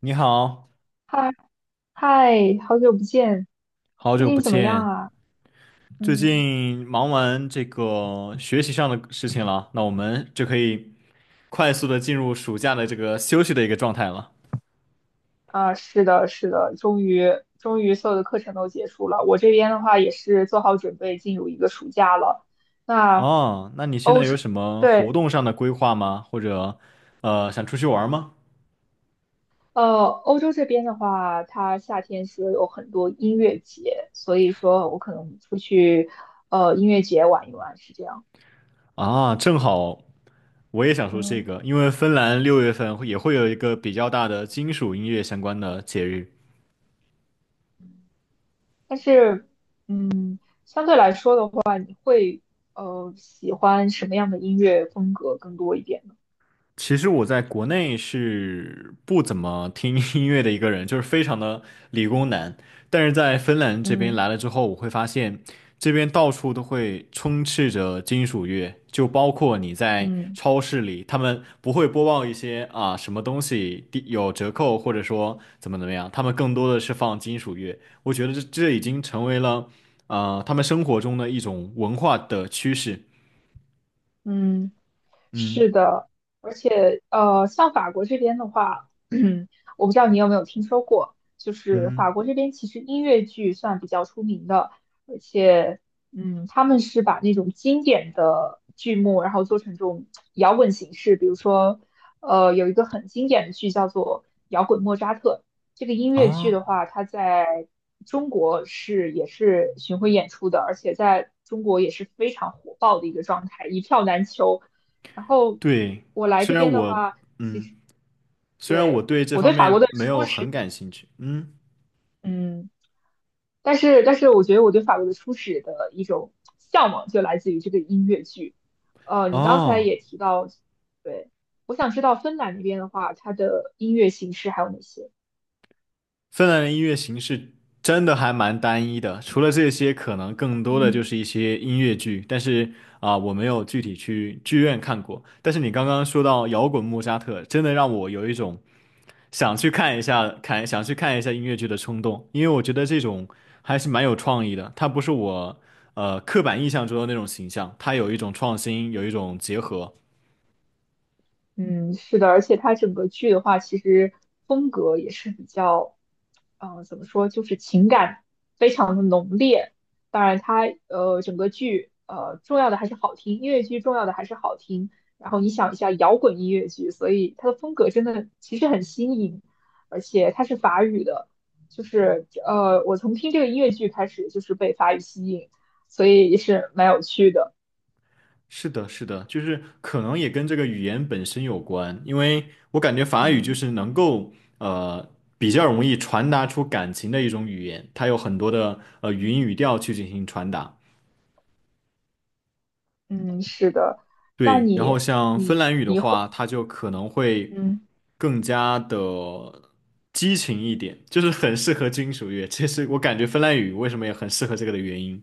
你好，嗨嗨，好久不见，好最久近不怎么样见。啊？最嗯近忙完这个学习上的事情了，那我们就可以快速的进入暑假的这个休息的一个状态了。是的，是的，终于所有的课程都结束了。我这边的话也是做好准备进入一个暑假了。那哦，那你现欧在有洲，什么活对，动上的规划吗？或者，想出去玩吗？欧洲这边的话，它夏天是有很多音乐节，所以说我可能出去音乐节玩一玩，是这样。啊，正好我也想说这嗯，个，因为芬兰6月份会也会有一个比较大的金属音乐相关的节日。但是相对来说会喜欢什么样的音乐风格更多一点呢？其实我在国内是不怎么听 音乐的一个人，就是非常的理工男。但是在芬兰这边嗯。来了之后，我会发现这边到处都会充斥着金属乐，就包括你在嗯超市里，他们不会播报一些啊什么东西低有折扣，或者说怎么怎么样，他们更多的是放金属乐。我觉得这已经成为了他们生活中的一种文化的趋势。嗯,嗯是的，而且像法国这边的话，我不知道你有没有听说过，就是嗯法国这边其实音乐剧算比较出名的，而且嗯，他们是把那种经典的剧目，然后做成这种摇滚形式，比如说有一个很经典的剧叫做《摇滚莫扎特》，这个音乐剧啊，的话，它在中国是也是巡回演出的，而且在中国也是非常火爆的一个状态，一票难求。然后对，我来虽这然边的我，话，嗯，虽然我对，对我这我对方法国面的没初有很始，感兴趣，嗯，嗯，但是我觉得我对法国的初始的一种向往就来自于这个音乐剧。你刚才哦。也提到，对，我想知道芬兰那边的话，它的音乐形式还有哪些？芬兰的音乐形式真的还蛮单一的，除了这些，可能更多的就嗯。是一些音乐剧，但是啊、我没有具体去剧院看过。但是你刚刚说到摇滚莫扎特，真的让我有一种想去看一下，看想去看一下音乐剧的冲动，因为我觉得这种还是蛮有创意的，它不是我刻板印象中的那种形象，它有一种创新，有一种结合。嗯,是的，而且它整个剧的话，其实风格也是比较，怎么说，就是情感非常的浓烈。当然它，整个剧重要的还是好听，音乐剧重要的还是好听。然后你想一下，摇滚音乐剧，所以它的风格真的其实很新颖，而且它是法语的，就是我从听这个音乐剧开始就是被法语吸引，所以也是蛮有趣的。是的，是的，就是可能也跟这个语言本身有关，因为我感觉法语就嗯。是能够呃比较容易传达出感情的一种语言，它有很多的语嗯音语调去进行传达。嗯,是的。那对，然后你像芬你兰语的话，它就可能会嗯，更加的激情一点，就是很适合金属乐。这是我感觉芬兰语为什么也很适合这个的原因。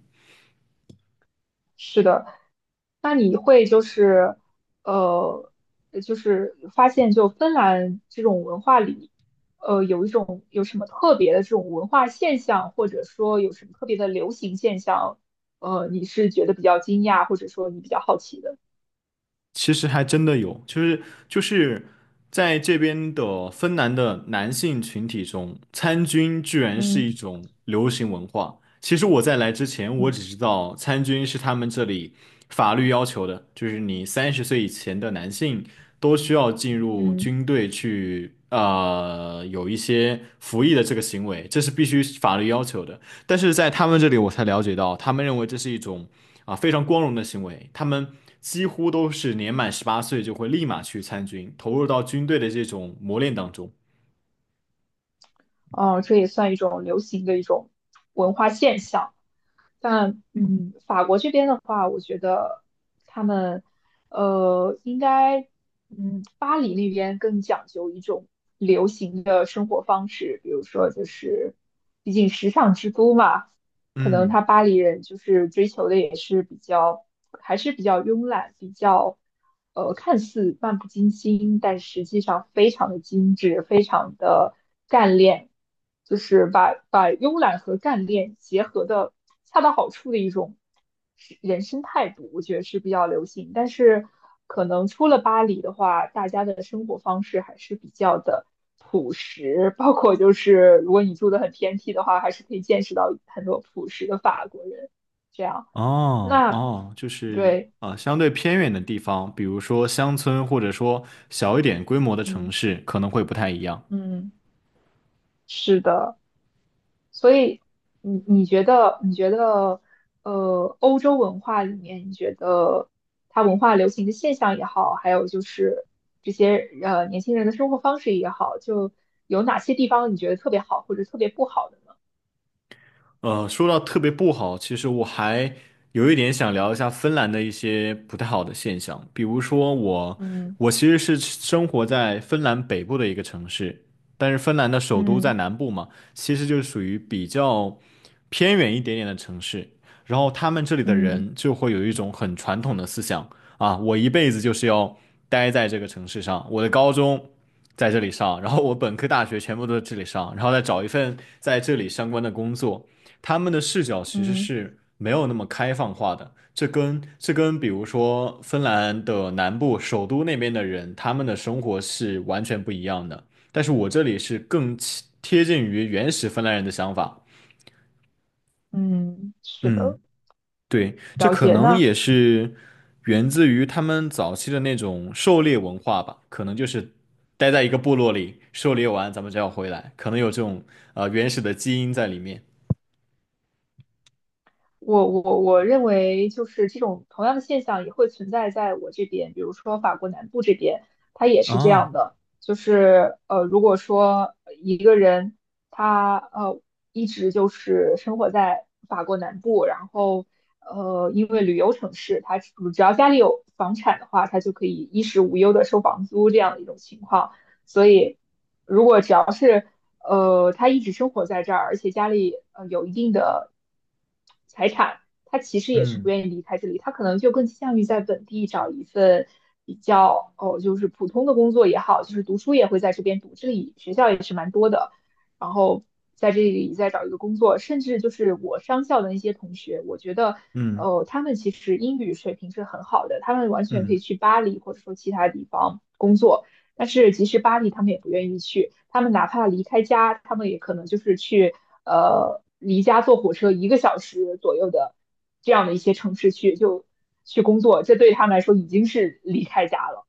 那你会就是呃，就是发现就芬兰这种文化里，有一种有什么特别的这种文化现象，或者说有什么特别的流行现象，你是觉得比较惊讶，或者说你比较好奇的？其实还真的有，就是在这边的芬兰的男性群体中，参军居然是一嗯种流行文化。其实我在来之前，我嗯。只知道参军是他们这里法律要求的，就是你30岁以前的男性都需要进入嗯。军队去，有一些服役的这个行为，这是必须法律要求的。但是在他们这里，我才了解到，他们认为这是一种。啊，非常光荣的行为。他们几乎都是年满18岁就会立马去参军，投入到军队的这种磨练当中。哦，这也算一种流行的一种文化现象。但嗯，法国这边的话，我觉得他们应该嗯，巴黎那边更讲究一种流行的生活方式，比如说就是，毕竟时尚之都嘛，可能他嗯，巴黎人就是追求的也是比较，还是比较慵懒，比较，看似漫不经心，但实际上非常的精致，非常的干练，就是把慵懒和干练结合的恰到好处的一种。是人生态度，我觉得是比较流行。但是可能出了巴黎的话，大家的生活方式还是比较的朴实，包括就是如果你住的很偏僻的话，还是可以见识到很多朴实的法国人。这样，哦哦，就是对，啊，相对偏远的地方，比如说乡村，或者说小一点规模的城嗯市，可能会不太一样。嗯,是的。所以你觉得你觉得欧洲文化里面，你觉得它文化流行的现象也好，还有就是这些年轻人的生活方式也好，就有哪些地方你觉得特别好或者特别不好的呢？说到特别不好，其实我还有一点想聊一下芬兰的一些不太好的现象，比如说我，嗯我其实是生活在芬兰北部的一个城市，但是芬兰的首都在嗯南部嘛，其实就是属于比较偏远一点点的城市，然后他们这里的嗯人就会有一种很传统的思想啊，我一辈子就是要待在这个城市上，我的高中。在这里上，然后我本科、大学全部都在这里上，然后再找一份在这里相关的工作，他们的视角其实嗯是没有那么开放化的。这跟比如说芬兰的南部首都那边的人，他们的生活是完全不一样的。但是我这里是更贴近于原始芬兰人的想法。嗯，是嗯，的，对，这了可解。能那也是源自于他们早期的那种狩猎文化吧，可能就是待在一个部落里狩猎完，咱们就要回来，可能有这种原始的基因在里面。我认为就是这种同样的现象也会存在在我这边，比如说法国南部这边，它也是这样哦，的。就是如果说一个人他一直就是生活在法国南部，然后因为旅游城市，他只要家里有房产的话，他就可以衣食无忧的收房租这样的一种情况。所以他一直生活在这儿，而且家里有一定的财产，他其实也是不嗯愿意离开这里，他可能就更倾向于在本地找一份比较哦，就是普通的工作也好，就是读书也会在这边读，这里学校也是蛮多的，然后在这里再找一个工作，甚至就是我商校的那些同学，我觉得。嗯他们其实英语水平是很好的，他们完全可以嗯，去巴黎或者说其他地方工作。但是即使巴黎，他们也不愿意去。他们哪怕离开家，他们也可能就是去离家坐火车一个小时左右的这样的一些城市去就去工作，这对他们来说已经是离开家了。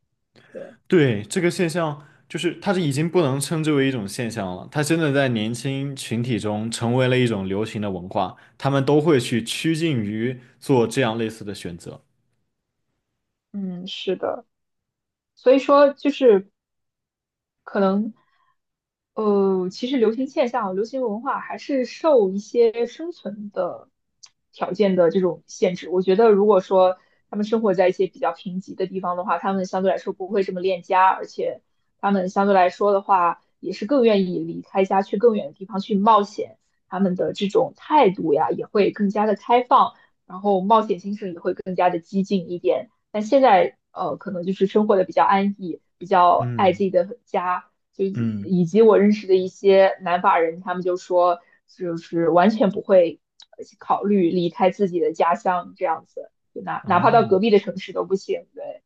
对，对，这个现象就是它是已经不能称之为一种现象了，它真的在年轻群体中成为了一种流行的文化，他们都会去趋近于做这样类似的选择。嗯，是的。所以说，就是可能，其实流行现象、流行文化还是受一些生存的条件的这种限制。我觉得，如果说他们生活在一些比较贫瘠的地方的话，他们相对来说不会这么恋家，而且他们相对来说的话，也是更愿意离开家去更远的地方去冒险。他们的这种态度呀，也会更加的开放，然后冒险精神也会更加的激进一点。但现在可能就是生活的比较安逸，比较爱自嗯己的家，就以嗯，以及我认识的一些南法人，他们就说，就是完全不会考虑离开自己的家乡这样子，就哪怕到隔哦。壁的城市都不行。对，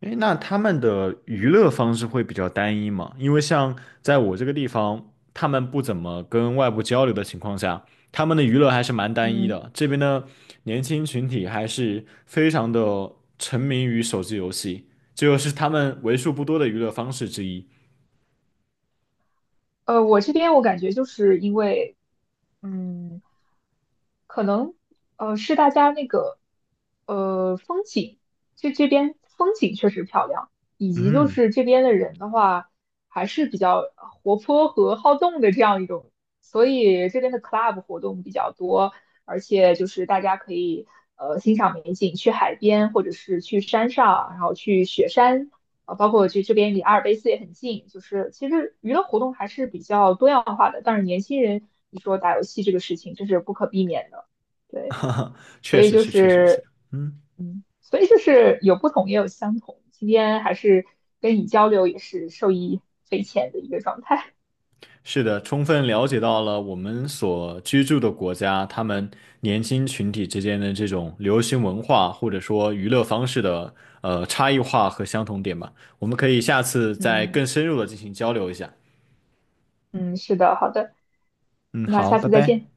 诶，那他们的娱乐方式会比较单一吗？因为像在我这个地方，他们不怎么跟外部交流的情况下，他们的娱乐还是蛮单一嗯。的。这边的年轻群体还是非常的沉迷于手机游戏，这就是他们为数不多的娱乐方式之一。我这边我感觉就是因为，嗯，可能是大家那个风景，这边风景确实漂亮，以及就嗯，是这边的人的话还是比较活泼和好动的这样一种，所以这边的 club 活动比较多，而且就是大家可以欣赏美景，去海边或者是去山上，然后去雪山。啊，包括去这边离阿尔卑斯也很近，就是其实娱乐活动还是比较多样化的。但是年轻人，你说打游戏这个事情，这是不可避免的。对，哈哈，所确以实就是，确实是，是，嗯。嗯，所以就是有不同也有相同。今天还是跟你交流，也是受益匪浅的一个状态。是的，充分了解到了我们所居住的国家，他们年轻群体之间的这种流行文化或者说娱乐方式的差异化和相同点吧。我们可以下次 再更嗯深入的进行交流一下。嗯,是的，好的，嗯，那好，下拜次再拜。见。